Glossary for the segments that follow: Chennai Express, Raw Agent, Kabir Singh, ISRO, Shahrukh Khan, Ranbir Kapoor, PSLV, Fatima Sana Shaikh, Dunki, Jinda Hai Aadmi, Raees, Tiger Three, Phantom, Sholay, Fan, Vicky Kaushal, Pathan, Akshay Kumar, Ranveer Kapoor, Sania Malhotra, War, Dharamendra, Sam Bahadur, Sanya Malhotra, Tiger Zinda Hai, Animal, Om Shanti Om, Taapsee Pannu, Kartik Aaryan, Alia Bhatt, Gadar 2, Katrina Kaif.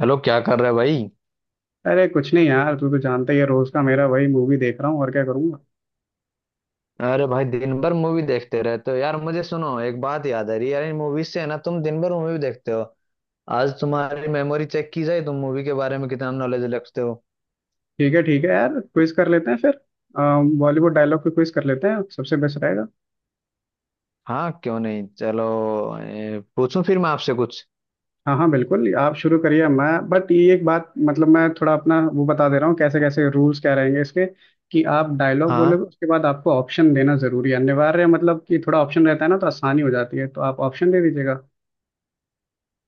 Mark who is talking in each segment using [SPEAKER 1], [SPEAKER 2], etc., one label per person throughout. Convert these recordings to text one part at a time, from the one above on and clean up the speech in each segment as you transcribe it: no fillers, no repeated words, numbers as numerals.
[SPEAKER 1] Hello क्या कर रहे भाई।
[SPEAKER 2] अरे कुछ नहीं यार, तू तो जानता ही है रोज का मेरा। वही मूवी देख रहा हूँ और क्या करूँगा।
[SPEAKER 1] अरे भाई दिन भर मूवी देखते रहते हो यार, मुझे सुनो एक बात याद आ रही है यार इन मूवीज से, है ना, तुम दिन भर मूवी देखते हो। आज तुम्हारी मेमोरी चेक की जाए, तुम मूवी के बारे में कितना नॉलेज रखते हो।
[SPEAKER 2] ठीक है यार, क्विज कर लेते हैं फिर। बॉलीवुड डायलॉग पे क्विज कर लेते हैं, सबसे बेस्ट रहेगा।
[SPEAKER 1] हाँ क्यों नहीं, चलो। पूछूं फिर मैं आपसे कुछ।
[SPEAKER 2] हाँ हाँ बिल्कुल, आप शुरू करिए। मैं बट ये एक बात, मतलब मैं थोड़ा अपना वो बता दे रहा हूँ कैसे कैसे रूल्स क्या रहेंगे इसके। कि आप डायलॉग
[SPEAKER 1] हाँ।
[SPEAKER 2] बोलोगे, उसके बाद आपको ऑप्शन देना जरूरी है, अनिवार्य है, मतलब कि थोड़ा ऑप्शन रहता है ना तो आसानी हो जाती है, तो आप ऑप्शन दे दीजिएगा।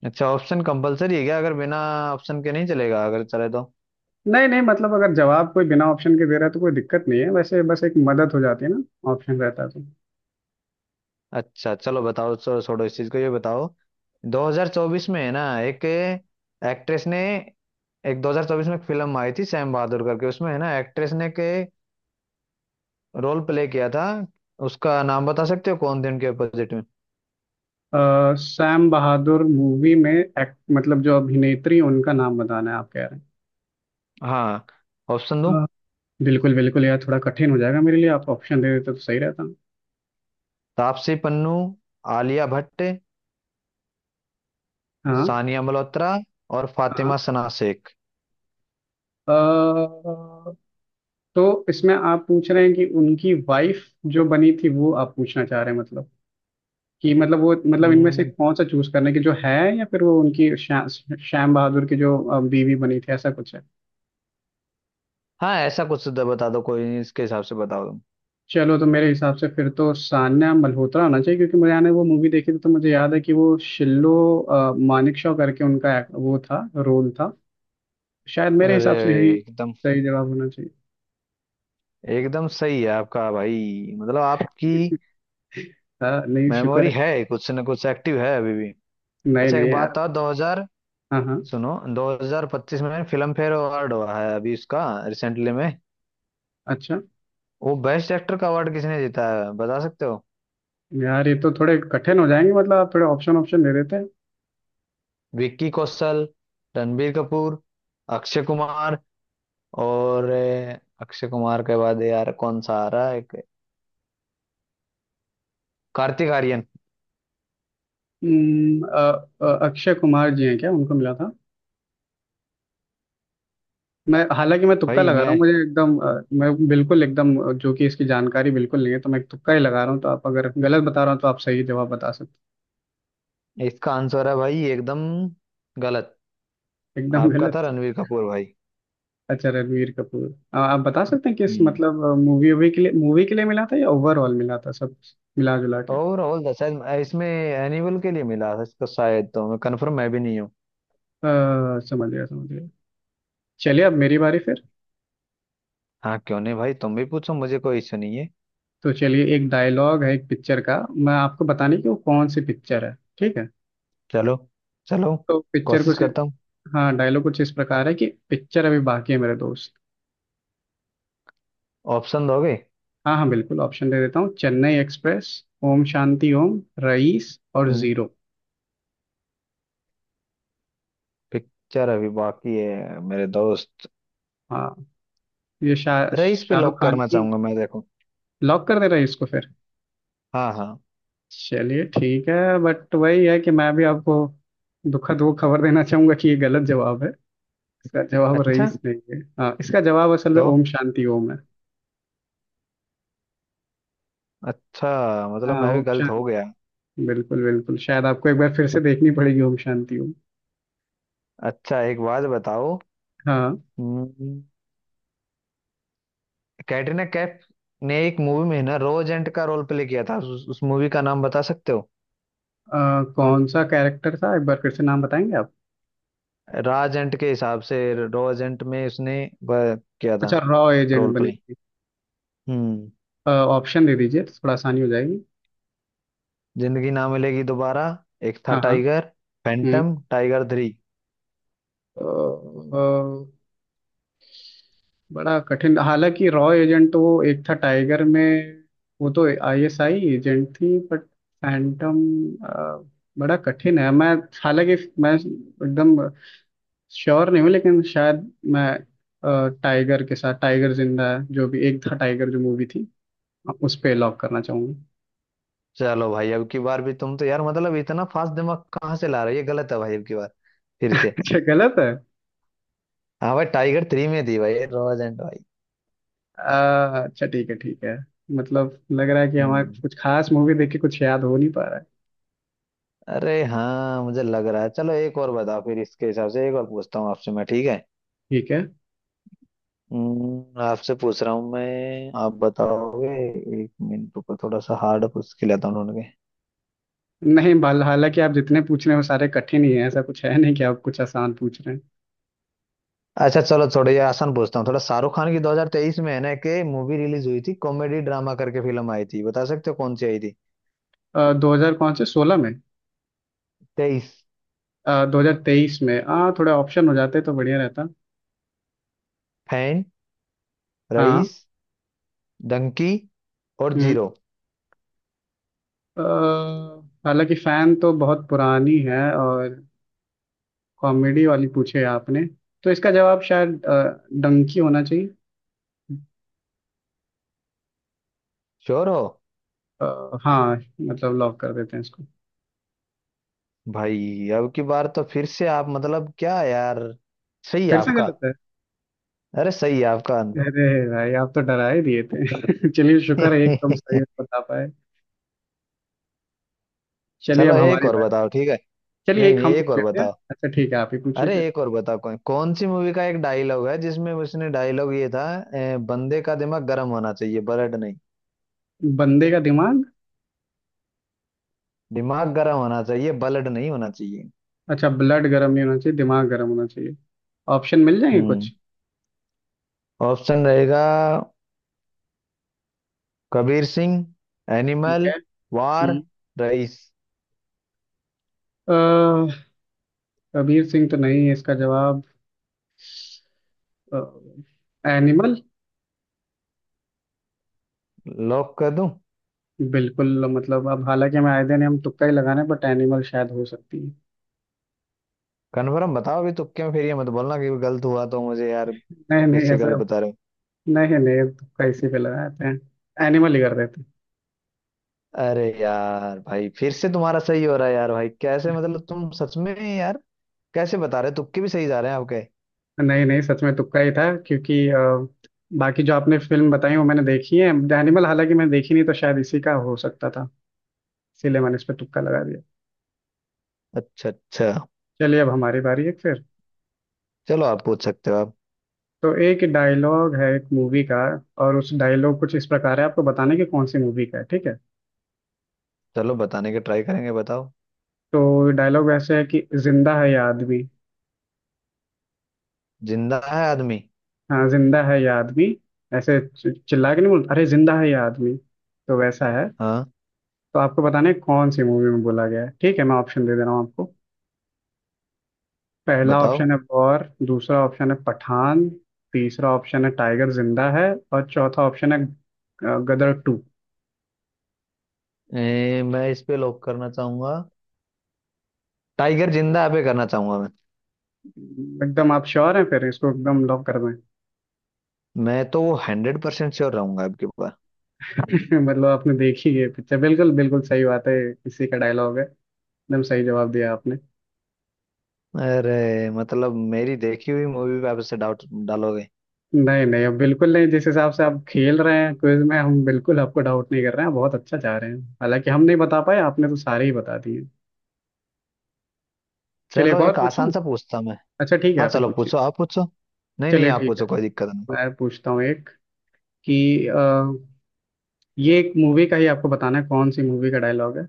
[SPEAKER 1] अच्छा, ऑप्शन कंपलसरी है क्या? अगर बिना ऑप्शन के नहीं चलेगा, अगर चले तो।
[SPEAKER 2] नहीं नहीं, मतलब अगर जवाब कोई बिना ऑप्शन के दे रहा है तो कोई दिक्कत नहीं है, वैसे बस एक मदद हो जाती है ना, ऑप्शन रहता है तो।
[SPEAKER 1] अच्छा चलो बताओ, चलो छोड़ो इस चीज को, ये बताओ। 2024 में है ना, एक एक्ट्रेस ने, एक 2024 में एक फिल्म आई थी सैम बहादुर करके, उसमें है ना एक्ट्रेस ने के रोल प्ले किया था, उसका नाम बता सकते हो, कौन थे उनके अपोजिट में।
[SPEAKER 2] सैम बहादुर मूवी में एक्ट, मतलब जो अभिनेत्री, उनका नाम बताना है आप कह रहे हैं।
[SPEAKER 1] हाँ, ऑप्शन दूं?
[SPEAKER 2] हाँ, बिल्कुल बिल्कुल यार, थोड़ा कठिन हो जाएगा मेरे लिए, आप ऑप्शन दे देते तो सही रहता।
[SPEAKER 1] तापसी पन्नू, आलिया भट्ट,
[SPEAKER 2] हाँ।
[SPEAKER 1] सानिया मल्होत्रा और
[SPEAKER 2] हाँ।
[SPEAKER 1] फातिमा सना शेख।
[SPEAKER 2] अ, तो इसमें आप पूछ रहे हैं कि उनकी वाइफ जो बनी थी वो आप पूछना चाह रहे हैं, मतलब कि मतलब वो, मतलब इनमें से
[SPEAKER 1] हम्म।
[SPEAKER 2] कौन सा चूज करने की जो है। या फिर वो उनकी श्याम बहादुर की जो बीवी बनी थी, ऐसा कुछ है।
[SPEAKER 1] हाँ, ऐसा कुछ बता दो, कोई नहीं, इसके हिसाब से बताओ तुम।
[SPEAKER 2] चलो तो मेरे हिसाब से फिर तो सान्या मल्होत्रा होना चाहिए, क्योंकि मुझे ने वो मूवी देखी थी तो मुझे याद है कि वो शिल्लो मानेकशॉ करके उनका वो था, रोल था। शायद मेरे
[SPEAKER 1] अरे,
[SPEAKER 2] हिसाब से यही
[SPEAKER 1] एकदम,
[SPEAKER 2] सही जवाब होना चाहिए।
[SPEAKER 1] एकदम सही है आपका भाई, मतलब आपकी
[SPEAKER 2] हाँ, नहीं शुक्र
[SPEAKER 1] मेमोरी
[SPEAKER 2] है।
[SPEAKER 1] है कुछ ना कुछ, एक्टिव है अभी भी।
[SPEAKER 2] नहीं
[SPEAKER 1] अच्छा
[SPEAKER 2] नहीं
[SPEAKER 1] एक बात
[SPEAKER 2] यार।
[SPEAKER 1] था 2000।
[SPEAKER 2] हाँ। हाँ
[SPEAKER 1] सुनो, 2025 में फिल्म फेयर अवार्ड हुआ है अभी, उसका रिसेंटली में,
[SPEAKER 2] अच्छा।
[SPEAKER 1] वो बेस्ट एक्टर का अवार्ड किसने जीता है बता सकते हो?
[SPEAKER 2] यार ये तो थोड़े कठिन हो जाएंगे, मतलब आप थोड़े ऑप्शन ऑप्शन दे देते हैं।
[SPEAKER 1] विक्की कौशल, रणबीर कपूर, अक्षय कुमार और अक्षय कुमार के बाद यार कौन सा आ रहा है, एक, कार्तिक आर्यन।
[SPEAKER 2] अक्षय कुमार जी हैं क्या, उनको मिला था? मैं हालांकि मैं तुक्का
[SPEAKER 1] भाई
[SPEAKER 2] लगा रहा
[SPEAKER 1] मैं,
[SPEAKER 2] हूँ, मुझे एकदम मैं बिल्कुल एकदम जो कि इसकी जानकारी बिल्कुल नहीं है तो मैं एक तुक्का ही लगा रहा हूँ। तो आप अगर गलत बता रहा हूँ तो आप सही जवाब बता सकते
[SPEAKER 1] इसका आंसर है भाई, एकदम गलत।
[SPEAKER 2] हैं। एकदम
[SPEAKER 1] आपका था
[SPEAKER 2] गलत।
[SPEAKER 1] रणबीर कपूर भाई।
[SPEAKER 2] अच्छा, रणवीर कपूर। आप बता सकते हैं किस,
[SPEAKER 1] हम्म।
[SPEAKER 2] मतलब मूवी के लिए मिला था या ओवरऑल मिला था, सब मिला जुला के।
[SPEAKER 1] ओवरऑल था शायद, इसमें एनिमल के लिए मिला था इसको शायद, तो मैं कंफर्म मैं भी नहीं हूँ।
[SPEAKER 2] समझ गया समझ गया। चलिए अब मेरी बारी फिर।
[SPEAKER 1] हाँ क्यों नहीं भाई, तुम भी पूछो, मुझे कोई इश्यू नहीं है।
[SPEAKER 2] तो चलिए, एक डायलॉग है एक पिक्चर का, मैं आपको बताने की वो कौन सी पिक्चर है। ठीक है,
[SPEAKER 1] चलो, चलो,
[SPEAKER 2] तो पिक्चर
[SPEAKER 1] कोशिश
[SPEAKER 2] कुछ।
[SPEAKER 1] करता हूँ।
[SPEAKER 2] हाँ, डायलॉग कुछ इस प्रकार है कि पिक्चर अभी बाकी है मेरे दोस्त।
[SPEAKER 1] ऑप्शन दोगे?
[SPEAKER 2] हाँ हाँ बिल्कुल ऑप्शन दे देता हूँ। चेन्नई एक्सप्रेस, ओम शांति ओम, रईस और
[SPEAKER 1] हम्म।
[SPEAKER 2] जीरो।
[SPEAKER 1] पिक्चर अभी बाकी है मेरे दोस्त।
[SPEAKER 2] हाँ, ये
[SPEAKER 1] रईस पे
[SPEAKER 2] शाहरुख
[SPEAKER 1] लॉक
[SPEAKER 2] खान
[SPEAKER 1] करना
[SPEAKER 2] की।
[SPEAKER 1] चाहूंगा मैं, देखो।
[SPEAKER 2] लॉक कर दे रहे हैं इसको फिर।
[SPEAKER 1] हाँ हाँ।
[SPEAKER 2] चलिए ठीक है, बट वही है कि मैं भी आपको दुखद वो खबर देना चाहूंगा कि ये गलत जवाब है। इसका जवाब
[SPEAKER 1] अच्छा,
[SPEAKER 2] रईस नहीं है, हाँ, इसका जवाब असल में
[SPEAKER 1] तो
[SPEAKER 2] ओम शांति ओम है।
[SPEAKER 1] अच्छा, मतलब
[SPEAKER 2] हाँ
[SPEAKER 1] मैं भी
[SPEAKER 2] ओम
[SPEAKER 1] गलत हो
[SPEAKER 2] शांति,
[SPEAKER 1] गया।
[SPEAKER 2] बिल्कुल बिल्कुल। शायद आपको एक बार फिर से देखनी पड़ेगी ओम शांति ओम।
[SPEAKER 1] अच्छा एक बात बताओ।
[SPEAKER 2] हाँ।
[SPEAKER 1] हम्म, कैटरीना कैफ ने एक मूवी में ना रोजेंट का रोल प्ले किया था, उस मूवी का नाम बता सकते हो?
[SPEAKER 2] कौन सा कैरेक्टर था, एक बार फिर से नाम बताएंगे आप?
[SPEAKER 1] रॉ एजेंट के हिसाब से, रॉ एजेंट में उसने वह किया था,
[SPEAKER 2] अच्छा, रॉ एजेंट
[SPEAKER 1] रोल
[SPEAKER 2] बने।
[SPEAKER 1] प्ले। हम्म
[SPEAKER 2] ऑप्शन दे दीजिए तो थोड़ा आसानी हो जाएगी।
[SPEAKER 1] जिंदगी ना मिलेगी दोबारा, एक था
[SPEAKER 2] हाँ। हाँ।
[SPEAKER 1] टाइगर,
[SPEAKER 2] हम्म।
[SPEAKER 1] Phantom, Tiger three.
[SPEAKER 2] अ, अ, बड़ा कठिन, हालांकि रॉ एजेंट तो वो एक था टाइगर में, वो तो आईएसआई एजेंट थी। बट फैंटम, बड़ा कठिन है। मैं हालांकि मैं एकदम श्योर नहीं हूँ, लेकिन शायद मैं टाइगर के साथ, टाइगर जिंदा है, जो भी एक था टाइगर जो मूवी थी, उस पे लॉक करना चाहूंगा।
[SPEAKER 1] चलो भाई, अब की बार भी तुम तो यार, मतलब इतना फास्ट दिमाग कहाँ से ला रहे हो, ये गलत है भाई अब की बार, फिर से।
[SPEAKER 2] अच्छा, गलत है।
[SPEAKER 1] हाँ भाई, टाइगर थ्री में थी भाई, रॉ एजेंट भाई।
[SPEAKER 2] अच्छा ठीक है ठीक है, मतलब लग रहा है कि हमारे
[SPEAKER 1] हम्म।
[SPEAKER 2] कुछ खास मूवी देख के कुछ याद हो नहीं पा रहा है।
[SPEAKER 1] अरे हाँ मुझे लग रहा है, चलो एक और बताओ, फिर इसके हिसाब से एक और पूछता हूँ आपसे मैं, ठीक है।
[SPEAKER 2] ठीक है।
[SPEAKER 1] आपसे पूछ रहा हूँ मैं, आप बताओगे। एक मिनट, ऊपर थोड़ा सा हार्ड पूछ के लेता हूँ, ढूंढ के।
[SPEAKER 2] नहीं बाल, हालांकि आप जितने पूछ रहे हैं वो सारे कठिन ही हैं, ऐसा कुछ है नहीं कि आप कुछ आसान पूछ रहे
[SPEAKER 1] अच्छा चलो, थोड़ा ये आसान पूछता हूँ थोड़ा। शाहरुख खान की 2023 में है ना कि मूवी रिलीज हुई थी, कॉमेडी ड्रामा करके फिल्म आई थी, बता सकते हो कौन सी आई थी?
[SPEAKER 2] हैं। 2000 कौन से 2016 में?
[SPEAKER 1] 23।
[SPEAKER 2] 2023 में, हाँ। थोड़े ऑप्शन हो जाते तो बढ़िया रहता।
[SPEAKER 1] फैन,
[SPEAKER 2] हाँ।
[SPEAKER 1] रईस, डंकी और
[SPEAKER 2] हम्म।
[SPEAKER 1] जीरो।
[SPEAKER 2] अ, हालांकि फैन तो बहुत पुरानी है, और कॉमेडी वाली पूछे आपने, तो इसका जवाब शायद डंकी होना चाहिए।
[SPEAKER 1] श्योर हो?
[SPEAKER 2] हाँ, मतलब लॉक कर देते हैं इसको।
[SPEAKER 1] भाई अब की बार तो फिर से आप, मतलब क्या यार, सही है
[SPEAKER 2] फिर से
[SPEAKER 1] आपका।
[SPEAKER 2] गलत है?
[SPEAKER 1] अरे, सही है आपका आंसर।
[SPEAKER 2] अरे भाई, आप तो डरा ही दिए थे। चलिए शुक्र है, एकदम सही बता पाए। चलिए
[SPEAKER 1] चलो
[SPEAKER 2] अब
[SPEAKER 1] एक
[SPEAKER 2] हमारी
[SPEAKER 1] और
[SPEAKER 2] बारी।
[SPEAKER 1] बताओ, ठीक है।
[SPEAKER 2] चलिए
[SPEAKER 1] नहीं
[SPEAKER 2] एक
[SPEAKER 1] नहीं,
[SPEAKER 2] हम
[SPEAKER 1] एक
[SPEAKER 2] पूछ
[SPEAKER 1] और
[SPEAKER 2] लेते हैं।
[SPEAKER 1] बताओ।
[SPEAKER 2] अच्छा ठीक है, आप ही पूछिए
[SPEAKER 1] अरे
[SPEAKER 2] फिर।
[SPEAKER 1] एक और बताओ, कौन कौन सी मूवी का एक डायलॉग है जिसमें उसने डायलॉग ये था, बंदे का दिमाग गर्म होना चाहिए ब्लड नहीं।
[SPEAKER 2] बंदे का दिमाग।
[SPEAKER 1] दिमाग गर्म होना चाहिए, बलड नहीं होना चाहिए।
[SPEAKER 2] अच्छा, ब्लड गर्म नहीं होना चाहिए, दिमाग गर्म होना चाहिए। ऑप्शन मिल जाएंगे
[SPEAKER 1] हम्म
[SPEAKER 2] कुछ?
[SPEAKER 1] ऑप्शन रहेगा। कबीर सिंह,
[SPEAKER 2] ठीक
[SPEAKER 1] एनिमल,
[SPEAKER 2] है।
[SPEAKER 1] वार,
[SPEAKER 2] हम्म।
[SPEAKER 1] रईस।
[SPEAKER 2] अह, कबीर सिंह तो नहीं है इसका जवाब, एनिमल।
[SPEAKER 1] लॉक कर दूं?
[SPEAKER 2] बिल्कुल, मतलब अब हालांकि हम आए दिन हम तुक्का ही लगाने, बट एनिमल शायद हो सकती है।
[SPEAKER 1] कन्फर्म बताओ अभी, तुक्के में फिर ये मत बोलना कि गलत हुआ, तो मुझे यार,
[SPEAKER 2] नहीं
[SPEAKER 1] फिर
[SPEAKER 2] नहीं,
[SPEAKER 1] से
[SPEAKER 2] ऐसा
[SPEAKER 1] गलत बता रहे हो।
[SPEAKER 2] नहीं नहीं। तुक्का इसी पे लगाते हैं, एनिमल ही कर देते हैं।
[SPEAKER 1] अरे यार भाई, फिर से तुम्हारा सही हो रहा है यार भाई, कैसे, मतलब तुम सच में यार, कैसे बता रहे हो, तुक्के भी सही जा रहे हैं आपके।
[SPEAKER 2] नहीं नहीं, सच में तुक्का ही था, क्योंकि बाकी जो आपने फिल्म बताई वो मैंने देखी है। द एनिमल हालांकि मैंने देखी नहीं, तो शायद इसी का हो सकता था, इसीलिए मैंने इस पे तुक्का लगा दिया।
[SPEAKER 1] अच्छा अच्छा।
[SPEAKER 2] चलिए अब हमारी बारी है फिर।
[SPEAKER 1] चलो आप पूछ सकते हो, आप।
[SPEAKER 2] तो एक डायलॉग है एक मूवी का, और उस डायलॉग कुछ इस प्रकार है, आपको बताने की कौन सी मूवी का है। ठीक है,
[SPEAKER 1] चलो, बताने के ट्राई करेंगे, बताओ।
[SPEAKER 2] तो डायलॉग वैसे है कि जिंदा है ये आदमी।
[SPEAKER 1] जिंदा है आदमी।
[SPEAKER 2] हाँ, जिंदा है ये आदमी, ऐसे चिल्ला के नहीं बोलते, अरे जिंदा है ये आदमी, तो वैसा है।
[SPEAKER 1] हाँ,
[SPEAKER 2] तो आपको बताना है कौन सी मूवी में बोला गया है। ठीक है, मैं ऑप्शन दे दे रहा हूँ आपको। पहला
[SPEAKER 1] बताओ।
[SPEAKER 2] ऑप्शन है वॉर, दूसरा ऑप्शन है पठान, तीसरा ऑप्शन है टाइगर जिंदा है, और चौथा ऑप्शन है गदर टू।
[SPEAKER 1] मैं इस पे लॉक करना चाहूंगा, टाइगर जिंदा है पे करना चाहूंगा मैं।
[SPEAKER 2] एकदम आप श्योर हैं फिर, इसको एकदम लॉक कर दें?
[SPEAKER 1] मैं तो 100% श्योर रहूंगा आपके ऊपर।
[SPEAKER 2] मतलब आपने देखी है पिक्चर। बिल्कुल बिल्कुल सही बात है, इसी का डायलॉग है। एकदम सही जवाब दिया आपने।
[SPEAKER 1] अरे मतलब मेरी देखी हुई मूवी पे आप इससे डाउट डालोगे?
[SPEAKER 2] नहीं नहीं, अब बिल्कुल नहीं। जिस हिसाब से आप खेल रहे हैं क्विज में, हम बिल्कुल आपको डाउट नहीं कर रहे हैं, बहुत अच्छा जा रहे हैं। हालांकि हम नहीं बता पाए, आपने तो सारे ही बता दिए। चलिए एक
[SPEAKER 1] चलो
[SPEAKER 2] और
[SPEAKER 1] एक
[SPEAKER 2] पूछूं।
[SPEAKER 1] आसान सा पूछता मैं।
[SPEAKER 2] अच्छा ठीक है,
[SPEAKER 1] हाँ
[SPEAKER 2] आप ही
[SPEAKER 1] चलो
[SPEAKER 2] पूछिए।
[SPEAKER 1] पूछो, आप पूछो। नहीं नहीं,
[SPEAKER 2] चलिए
[SPEAKER 1] आप
[SPEAKER 2] ठीक है,
[SPEAKER 1] पूछो कोई दिक्कत नहीं।
[SPEAKER 2] मैं पूछता हूँ एक, कि ये एक मूवी का ही आपको बताना है कौन सी मूवी का डायलॉग है।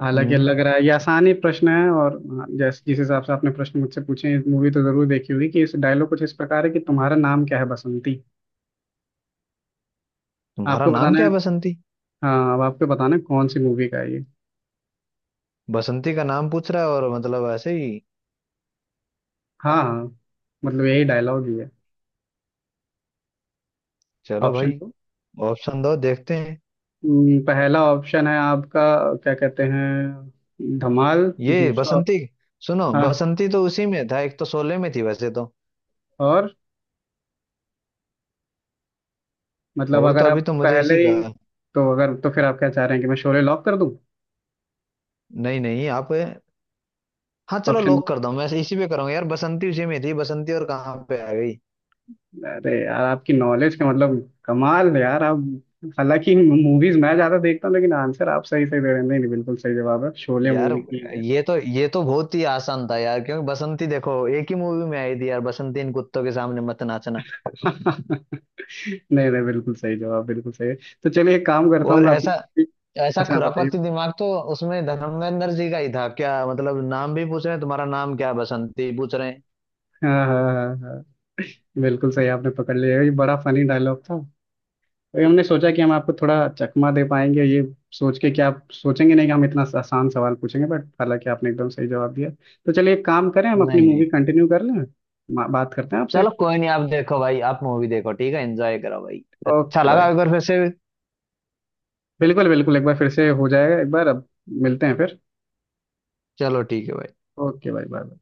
[SPEAKER 2] हालांकि
[SPEAKER 1] हम्म
[SPEAKER 2] लग रहा है ये आसान ही प्रश्न है, और हाँ, जैसे जिस हिसाब से आपने प्रश्न मुझसे पूछे, इस मूवी तो जरूर देखी होगी। कि इस डायलॉग कुछ इस प्रकार है कि तुम्हारा नाम क्या है बसंती।
[SPEAKER 1] तुम्हारा
[SPEAKER 2] आपको
[SPEAKER 1] नाम
[SPEAKER 2] बताना है।
[SPEAKER 1] क्या है बसंती।
[SPEAKER 2] हाँ, अब आपको बताना है कौन सी मूवी का है ये।
[SPEAKER 1] बसंती का नाम पूछ रहा है और, मतलब ऐसे ही।
[SPEAKER 2] हाँ। हाँ, मतलब यही डायलॉग ही है।
[SPEAKER 1] चलो
[SPEAKER 2] ऑप्शन
[SPEAKER 1] भाई,
[SPEAKER 2] तो,
[SPEAKER 1] ऑप्शन दो देखते हैं।
[SPEAKER 2] पहला ऑप्शन है आपका क्या कहते हैं धमाल,
[SPEAKER 1] ये
[SPEAKER 2] दूसरा।
[SPEAKER 1] बसंती, सुनो
[SPEAKER 2] हाँ।
[SPEAKER 1] बसंती तो उसी में था, एक तो शोले में थी वैसे तो,
[SPEAKER 2] और, मतलब
[SPEAKER 1] और तो
[SPEAKER 2] अगर
[SPEAKER 1] अभी
[SPEAKER 2] आप
[SPEAKER 1] तो मुझे
[SPEAKER 2] पहले
[SPEAKER 1] इसी का।
[SPEAKER 2] ही। तो अगर तो फिर आप क्या चाह रहे हैं कि मैं शोले लॉक कर दूं?
[SPEAKER 1] नहीं नहीं आप, हाँ चलो
[SPEAKER 2] ऑप्शन।
[SPEAKER 1] लॉक कर दो, मैं इसी पे करूंगा यार, बसंती उसी में थी, बसंती और कहाँ पे आ गई?
[SPEAKER 2] अरे यार, आपकी नॉलेज का मतलब कमाल है यार आप। हालांकि मूवीज मैं ज्यादा देखता हूँ, लेकिन आंसर आप सही सही दे रहे हैं। नहीं नहीं, बिल्कुल सही जवाब है, शोले
[SPEAKER 1] यार
[SPEAKER 2] मूवी की है।
[SPEAKER 1] ये तो, ये तो बहुत ही आसान था यार, क्योंकि बसंती देखो एक ही मूवी में आई थी यार, बसंती इन कुत्तों के सामने मत नाचना।
[SPEAKER 2] नहीं नहीं, बिल्कुल सही जवाब, बिल्कुल सही है। तो चलिए एक काम करता हूँ
[SPEAKER 1] और
[SPEAKER 2] मैं
[SPEAKER 1] ऐसा,
[SPEAKER 2] अपनी।
[SPEAKER 1] ऐसा
[SPEAKER 2] अच्छा बताइए।
[SPEAKER 1] खुरापाती दिमाग तो उसमें धर्मेंद्र जी का ही था क्या, मतलब नाम भी पूछ रहे हैं, तुम्हारा नाम क्या है? बसंती पूछ रहे हैं।
[SPEAKER 2] हाँ हाँ हाँ हाँ, बिल्कुल सही आपने पकड़ लिया। ये बड़ा फनी डायलॉग था, तो ये हमने सोचा कि हम आपको थोड़ा चकमा दे पाएंगे, ये सोच के कि आप सोचेंगे नहीं कि हम इतना आसान सवाल पूछेंगे, बट हालांकि आपने एकदम सही जवाब दिया। तो चलिए एक काम करें, हम अपनी
[SPEAKER 1] नहीं नहीं।
[SPEAKER 2] मूवी कंटिन्यू कर लें, बात करते हैं आपसे।
[SPEAKER 1] चलो कोई नहीं, आप देखो भाई, आप मूवी देखो ठीक है, एंजॉय करो भाई, अच्छा
[SPEAKER 2] ओके भाई,
[SPEAKER 1] लगा, अगर फिर से।
[SPEAKER 2] बिल्कुल बिल्कुल, एक बार फिर से हो जाएगा, एक बार अब मिलते हैं फिर।
[SPEAKER 1] चलो ठीक है भाई।
[SPEAKER 2] ओके भाई, बाय।